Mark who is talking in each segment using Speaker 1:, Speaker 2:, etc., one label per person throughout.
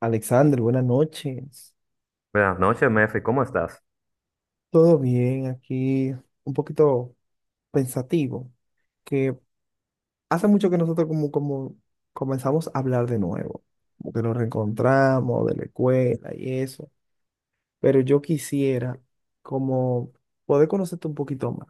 Speaker 1: Alexander, buenas noches.
Speaker 2: Buenas noches, Mefi, ¿cómo estás?
Speaker 1: Todo bien aquí, un poquito pensativo, que hace mucho que nosotros como comenzamos a hablar de nuevo, como que nos reencontramos de la escuela y eso, pero yo quisiera como poder conocerte un poquito más,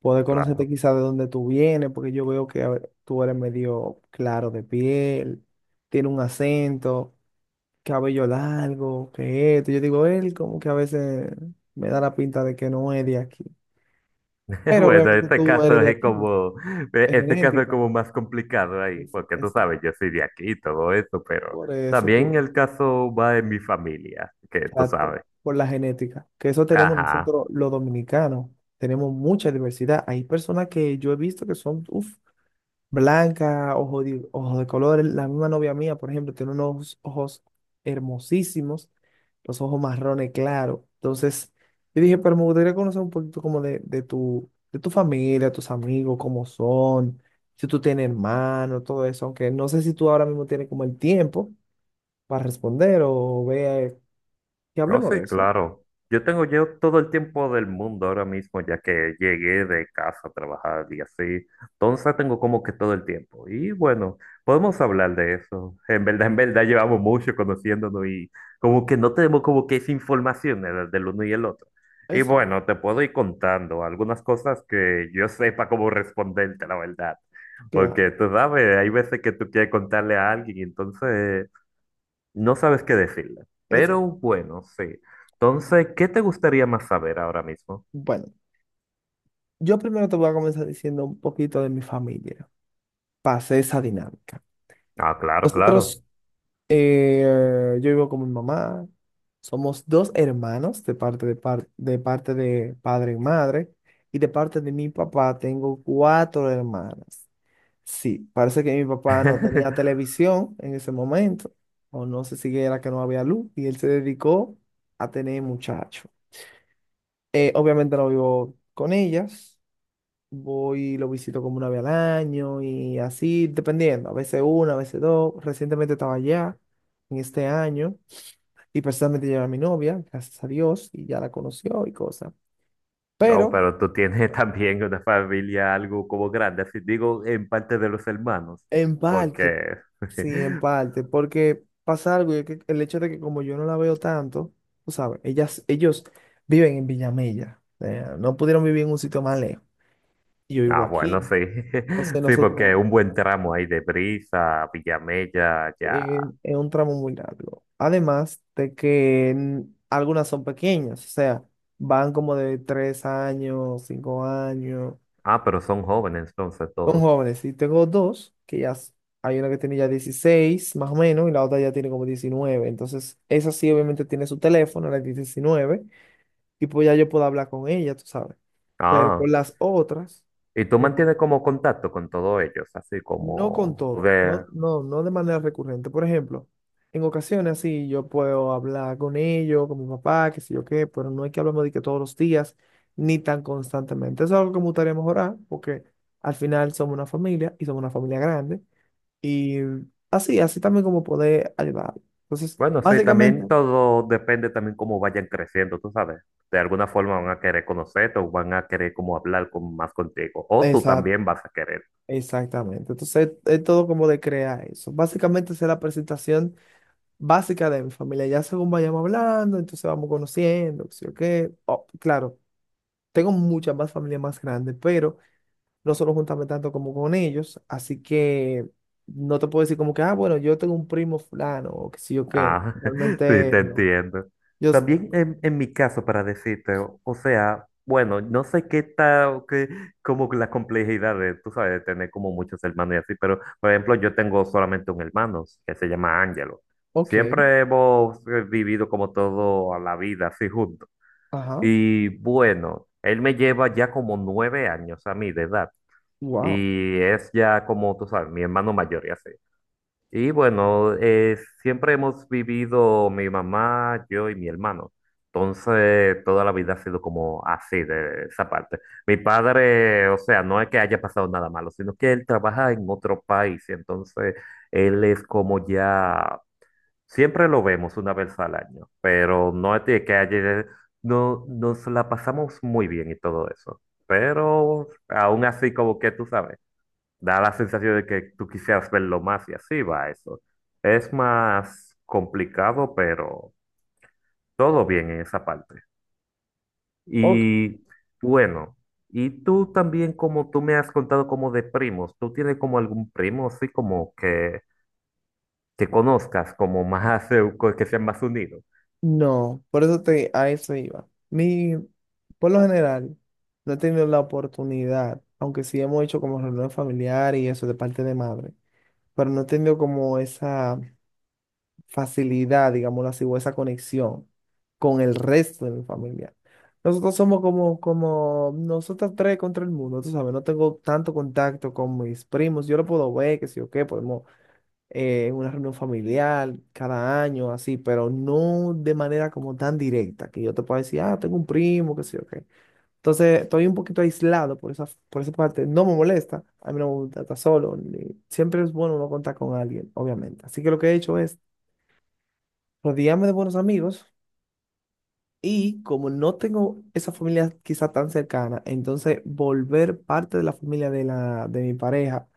Speaker 1: poder conocerte
Speaker 2: Claro.
Speaker 1: quizá de dónde tú vienes, porque yo veo que, a ver, tú eres medio claro de piel, tiene un acento, cabello largo, que esto. Yo digo, él como que a veces me da la pinta de que no es de aquí. Pero
Speaker 2: Bueno,
Speaker 1: obviamente
Speaker 2: este
Speaker 1: tú eres
Speaker 2: caso
Speaker 1: de
Speaker 2: es
Speaker 1: aquí,
Speaker 2: como,
Speaker 1: es
Speaker 2: este caso es
Speaker 1: genética.
Speaker 2: como más complicado ahí,
Speaker 1: Es,
Speaker 2: porque tú
Speaker 1: esa-
Speaker 2: sabes, yo soy de aquí y todo eso, pero
Speaker 1: por eso
Speaker 2: también
Speaker 1: tú,
Speaker 2: el caso va en mi familia, que tú
Speaker 1: exacto,
Speaker 2: sabes.
Speaker 1: por la genética. Que eso tenemos
Speaker 2: Ajá.
Speaker 1: nosotros los dominicanos. Tenemos mucha diversidad. Hay personas que yo he visto que son, uff, blanca, ojos de colores. La misma novia mía, por ejemplo, tiene unos ojos hermosísimos, los ojos marrones claros. Entonces, yo dije, pero me gustaría conocer un poquito como de tu familia, tus amigos, cómo son, si tú tienes hermanos, todo eso, aunque no sé si tú ahora mismo tienes como el tiempo para responder o vea que
Speaker 2: Oh,
Speaker 1: hablemos
Speaker 2: sí,
Speaker 1: de eso.
Speaker 2: claro. Yo tengo yo todo el tiempo del mundo ahora mismo, ya que llegué de casa a trabajar y así. Entonces tengo como que todo el tiempo. Y bueno, podemos hablar de eso. En verdad llevamos mucho conociéndonos y como que no tenemos como que esa información del, del uno y el otro. Y
Speaker 1: Esa,
Speaker 2: bueno, te puedo ir contando algunas cosas que yo sepa cómo responderte, la verdad.
Speaker 1: claro,
Speaker 2: Porque tú sabes, hay veces que tú quieres contarle a alguien y entonces... No sabes qué decirle.
Speaker 1: esa.
Speaker 2: Pero bueno, sí. Entonces, ¿qué te gustaría más saber ahora mismo?
Speaker 1: Bueno, yo primero te voy a comenzar diciendo un poquito de mi familia. Pasé esa dinámica.
Speaker 2: Ah, claro, claro.
Speaker 1: Nosotros Eh, yo vivo con mi mamá. Somos dos hermanos de de parte de padre y madre. Y de parte de mi papá tengo cuatro hermanas. Sí, parece que mi papá no tenía televisión en ese momento. O no sé si era que no había luz. Y él se dedicó a tener muchachos. Obviamente no vivo con ellas. Voy y lo visito como una vez al año y así, dependiendo. A veces una, a veces dos. Recientemente estaba allá en este año. Y personalmente llevé a mi novia, gracias a Dios, y ya la conoció y cosas.
Speaker 2: Oh,
Speaker 1: Pero
Speaker 2: pero tú tienes también una familia algo como grande, así digo, en parte de los hermanos,
Speaker 1: en parte,
Speaker 2: porque...
Speaker 1: sí, en parte, porque pasa algo, y es que el hecho de que como yo no la veo tanto, tú sabes, ellos viven en Villamella, o sea, no pudieron vivir en un sitio más lejos. Y yo vivo
Speaker 2: Ah, bueno,
Speaker 1: aquí,
Speaker 2: sí.
Speaker 1: entonces
Speaker 2: Sí, porque
Speaker 1: nosotros,
Speaker 2: un buen tramo ahí de Brisa, Villamella, ya.
Speaker 1: es un tramo muy largo. Además de que algunas son pequeñas, o sea, van como de 3 años, 5 años.
Speaker 2: Ah, pero son jóvenes entonces
Speaker 1: Son
Speaker 2: todos.
Speaker 1: jóvenes. Y tengo dos, hay una que tiene ya 16 más o menos, y la otra ya tiene como 19. Entonces, esa sí obviamente tiene su teléfono, la 19, y pues ya yo puedo hablar con ella, tú sabes. Pero
Speaker 2: Ah,
Speaker 1: con las otras,
Speaker 2: y tú
Speaker 1: eh,
Speaker 2: mantienes como contacto con todos ellos, así
Speaker 1: no con
Speaker 2: como...
Speaker 1: todo, no, no de manera recurrente. Por ejemplo, en ocasiones así yo puedo hablar con ellos, con mi papá, qué sé yo qué, pero no hay que hablemos de que todos los días, ni tan constantemente. Eso es algo que me gustaría mejorar, porque al final somos una familia y somos una familia grande. Y así, así también como poder ayudar. Entonces,
Speaker 2: Bueno, sí,
Speaker 1: básicamente,
Speaker 2: también todo depende también cómo vayan creciendo, tú sabes. De alguna forma van a querer conocerte o van a querer como hablar con, más contigo. O tú
Speaker 1: exact,
Speaker 2: también vas a querer.
Speaker 1: exactamente. Entonces, es todo como de crear eso. Básicamente, esa es la presentación básica de mi familia. Ya según vayamos hablando, entonces vamos conociendo, sí o qué. Oh, claro, tengo muchas más familias más grandes, pero no solo juntarme tanto como con ellos. Así que no te puedo decir como que, ah, bueno, yo tengo un primo fulano o que sí o qué.
Speaker 2: Ah, sí,
Speaker 1: Realmente
Speaker 2: te
Speaker 1: no.
Speaker 2: entiendo.
Speaker 1: Yo,
Speaker 2: También en mi caso, para decirte, o sea, bueno, no sé qué tal, qué, como la complejidad de, tú sabes, de tener como muchos hermanos y así, pero por ejemplo, yo tengo solamente un hermano que se llama Ángelo.
Speaker 1: ok,
Speaker 2: Siempre hemos vivido como todo a la vida, así juntos.
Speaker 1: ajá,
Speaker 2: Y bueno, él me lleva ya como 9 años a mí de edad.
Speaker 1: wow.
Speaker 2: Y es ya como, tú sabes, mi hermano mayor y así. Y bueno, siempre hemos vivido mi mamá, yo y mi hermano. Entonces, toda la vida ha sido como así, de esa parte. Mi padre, o sea, no es que haya pasado nada malo, sino que él trabaja en otro país. Entonces, él es como ya. Siempre lo vemos una vez al año, pero no es de que ayer no, nos la pasamos muy bien y todo eso. Pero aún así, como que tú sabes, da la sensación de que tú quisieras verlo más y así va eso. Es más complicado, pero todo bien en esa parte. Y bueno, y tú también, como tú me has contado como de primos, ¿tú tienes como algún primo así como que conozcas como más, que sean más unidos?
Speaker 1: No, por eso te, a eso iba. Mi, por lo general, no he tenido la oportunidad, aunque sí hemos hecho como reunión familiar y eso de parte de madre, pero no he tenido como esa facilidad, digámoslo así, o esa conexión con el resto de mi familia. Nosotros somos como nosotros tres contra el mundo, tú sabes, no tengo tanto contacto con mis primos, yo lo puedo ver, que si o qué, podemos, una reunión familiar cada año, así, pero no de manera como tan directa, que yo te pueda decir, ah, tengo un primo, qué sé yo, qué. Entonces, estoy un poquito aislado por esa parte. No me molesta, a mí no me gusta estar solo. Siempre es bueno uno contar con alguien, obviamente. Así que lo que he hecho es rodearme de buenos amigos y como no tengo esa familia quizá tan cercana, entonces volver parte de la familia de mi pareja,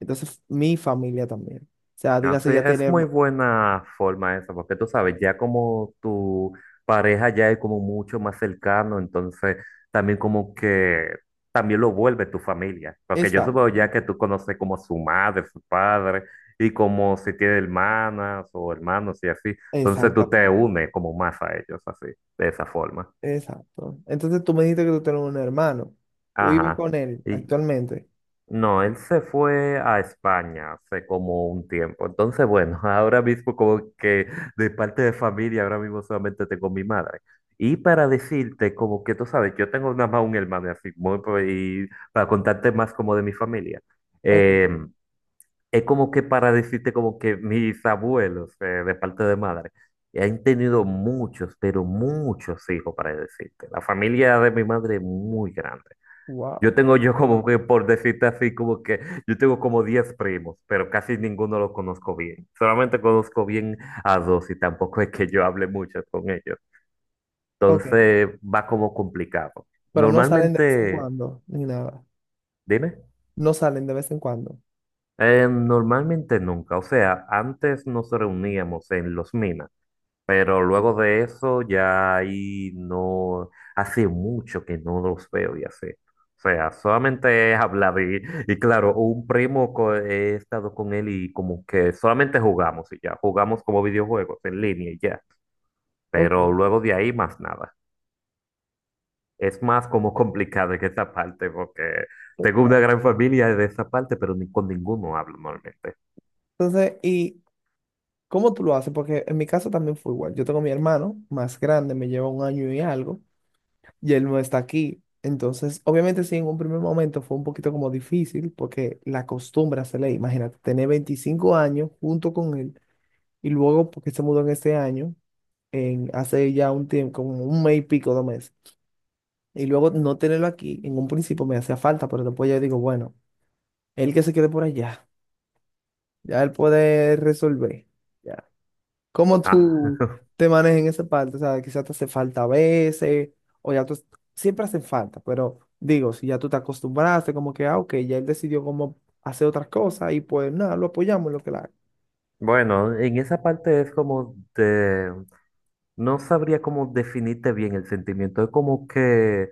Speaker 1: entonces mi familia también. O sea,
Speaker 2: Ah, sí,
Speaker 1: dígase ya
Speaker 2: es
Speaker 1: tener...
Speaker 2: muy buena forma esa, porque tú sabes, ya como tu pareja ya es como mucho más cercano, entonces también como que también lo vuelve tu familia, porque yo supongo
Speaker 1: Exacto.
Speaker 2: ya que tú conoces como su madre, su padre, y como si tiene hermanas o hermanos y así, entonces tú te
Speaker 1: Exactamente,
Speaker 2: unes como más a ellos, así, de esa forma.
Speaker 1: exacto. Entonces tú me dijiste que tú tienes un hermano. Tú vives
Speaker 2: Ajá.
Speaker 1: con él
Speaker 2: y
Speaker 1: actualmente.
Speaker 2: No, él se fue a España hace como un tiempo. Entonces, bueno, ahora mismo como que de parte de familia, ahora mismo solamente tengo mi madre. Y para decirte, como que tú sabes, yo tengo nada más un hermano, y así, y para contarte más como de mi familia.
Speaker 1: Ok,
Speaker 2: eh, es como que para decirte como que mis abuelos, de parte de madre, han tenido muchos, pero muchos hijos, para decirte. La familia de mi madre es muy grande. Yo
Speaker 1: wow.
Speaker 2: tengo yo como que, por decirte así, como que yo tengo como 10 primos, pero casi ninguno los conozco bien. Solamente conozco bien a dos y tampoco es que yo hable mucho con ellos.
Speaker 1: Ok,
Speaker 2: Entonces va como complicado.
Speaker 1: pero no salen de vez en
Speaker 2: Normalmente,
Speaker 1: cuando, ni nada.
Speaker 2: dime,
Speaker 1: No salen de vez en cuando.
Speaker 2: Normalmente nunca. O sea, antes nos reuníamos en los minas. Pero luego de eso ya ahí no, hace mucho que no los veo y así. O sea, solamente he hablado y claro, he estado con él y como que solamente jugamos y ya, jugamos como videojuegos en línea y ya.
Speaker 1: Ok.
Speaker 2: Pero luego de ahí más nada. Es más como complicado en esa parte porque tengo una gran familia de esa parte, pero ni con ninguno hablo normalmente.
Speaker 1: Entonces, ¿y cómo tú lo haces? Porque en mi caso también fue igual. Yo tengo a mi hermano más grande, me lleva un año y algo, y él no está aquí. Entonces, obviamente sí, en un primer momento fue un poquito como difícil porque la costumbre se le, imagínate, tener 25 años junto con él y luego porque se mudó en este año, en hace ya un tiempo, como un mes y pico, 2 meses. Y luego no tenerlo aquí, en un principio me hacía falta, pero después ya digo, bueno, él que se quede por allá, ya él puede resolver. Ya. ¿Cómo
Speaker 2: Ah,
Speaker 1: tú te manejas en esa parte? O sea, quizás te hace falta a veces, o ya tú, siempre hacen falta, pero digo, si ya tú te acostumbraste, como que, ah, ok, ya él decidió cómo hacer otras cosas y pues nada, lo apoyamos en lo que la haga.
Speaker 2: bueno, en esa parte es como de. No sabría cómo definirte bien el sentimiento. Es como que,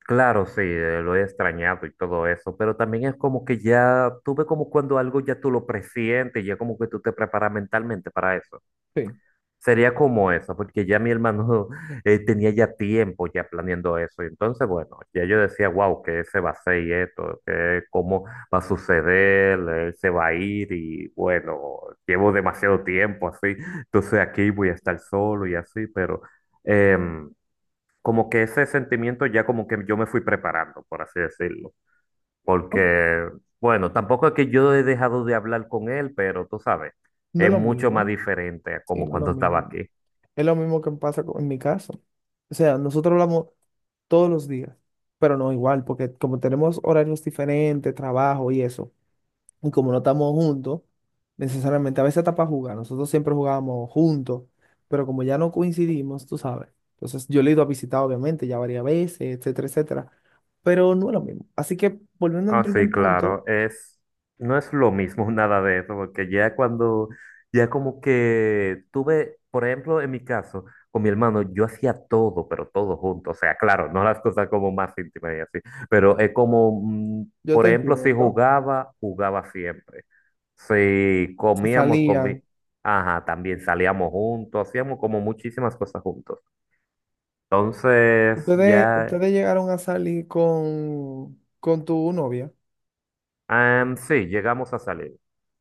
Speaker 2: claro, sí, lo he extrañado y todo eso, pero también es como que ya, tú ves como cuando algo ya tú lo presientes, ya como que tú te preparas mentalmente para eso.
Speaker 1: Sí.
Speaker 2: Sería como eso, porque ya mi hermano tenía ya tiempo ya planeando eso. Y entonces, bueno, ya yo decía, wow, que se va a hacer y esto, que cómo va a suceder, él se va a ir y bueno, llevo demasiado tiempo así, entonces aquí voy a estar solo y así, pero em, como que ese sentimiento ya como que yo me fui preparando, por así decirlo,
Speaker 1: No,
Speaker 2: porque bueno, tampoco es que yo he dejado de hablar con él, pero tú sabes,
Speaker 1: no es
Speaker 2: es
Speaker 1: lo
Speaker 2: mucho más
Speaker 1: mismo,
Speaker 2: diferente a
Speaker 1: sí,
Speaker 2: como
Speaker 1: no es lo
Speaker 2: cuando estaba
Speaker 1: mismo.
Speaker 2: aquí.
Speaker 1: Es lo mismo que pasa en mi caso. O sea, nosotros hablamos todos los días, pero no igual, porque como tenemos horarios diferentes, trabajo y eso, y como no estamos juntos, necesariamente a veces está para jugar, nosotros siempre jugábamos juntos, pero como ya no coincidimos, tú sabes, entonces yo le he ido a visitar obviamente ya varias veces, etcétera, etcétera, pero no es lo mismo. Así que volviendo al
Speaker 2: Ah,
Speaker 1: primer
Speaker 2: sí,
Speaker 1: punto,
Speaker 2: claro, es, no es lo mismo nada de eso, porque ya cuando, ya como que tuve, por ejemplo, en mi caso, con mi hermano, yo hacía todo, pero todo junto, o sea, claro, no las cosas como más íntimas y así, pero es como,
Speaker 1: yo te
Speaker 2: por ejemplo, si
Speaker 1: entiendo,
Speaker 2: jugaba, jugaba siempre, si
Speaker 1: si
Speaker 2: comíamos, comí,
Speaker 1: salían,
Speaker 2: ajá, también salíamos juntos, hacíamos como muchísimas cosas juntos, entonces ya,
Speaker 1: ustedes llegaron a salir con tu novia.
Speaker 2: sí, llegamos a salir.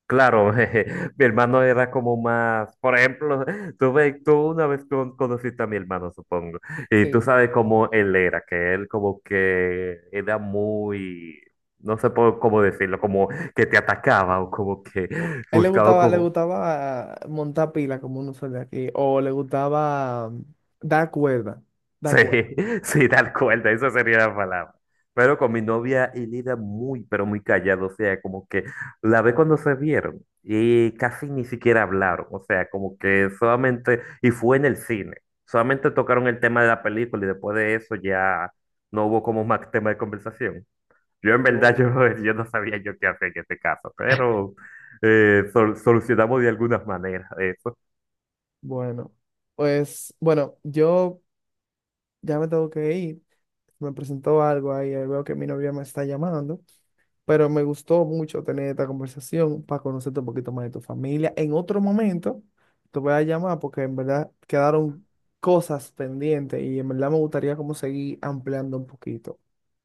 Speaker 2: Claro, jeje, mi hermano era como más, por ejemplo, tú una vez conociste a mi hermano, supongo, y tú
Speaker 1: Sí.
Speaker 2: sabes cómo él era, que él como que era muy, no sé po- cómo decirlo, como que te atacaba o como que
Speaker 1: A él
Speaker 2: buscaba
Speaker 1: le
Speaker 2: como.
Speaker 1: gustaba montar pila, como uno suele aquí, o le gustaba dar cuerda,
Speaker 2: Sí,
Speaker 1: dar cuerda.
Speaker 2: sí, tal cual, esa sería la palabra. Pero con mi novia y Lida muy, pero muy callado, o sea, como que la vez cuando se vieron y casi ni siquiera hablaron, o sea, como que solamente, y fue en el cine, solamente tocaron el tema de la película y después de eso ya no hubo como más tema de conversación. Yo en verdad,
Speaker 1: Oh,
Speaker 2: yo no sabía yo qué hacer en este caso, pero solucionamos de alguna manera eso.
Speaker 1: bueno, pues, bueno, yo ya me tengo que ir. Me presentó algo ahí, ahí veo que mi novia me está llamando, pero me gustó mucho tener esta conversación para conocerte un poquito más de tu familia. En otro momento te voy a llamar porque en verdad quedaron cosas pendientes y en verdad me gustaría como seguir ampliando un poquito.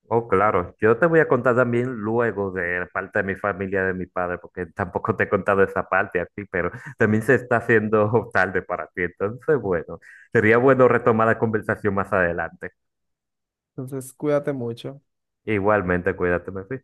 Speaker 2: Oh, claro. Yo te voy a contar también luego de la parte de mi familia, de mi padre, porque tampoco te he contado esa parte a ti, pero también se está haciendo tarde para ti. Entonces, bueno, sería bueno retomar la conversación más adelante.
Speaker 1: Entonces, cuídate mucho.
Speaker 2: Igualmente, cuídate, Mefi.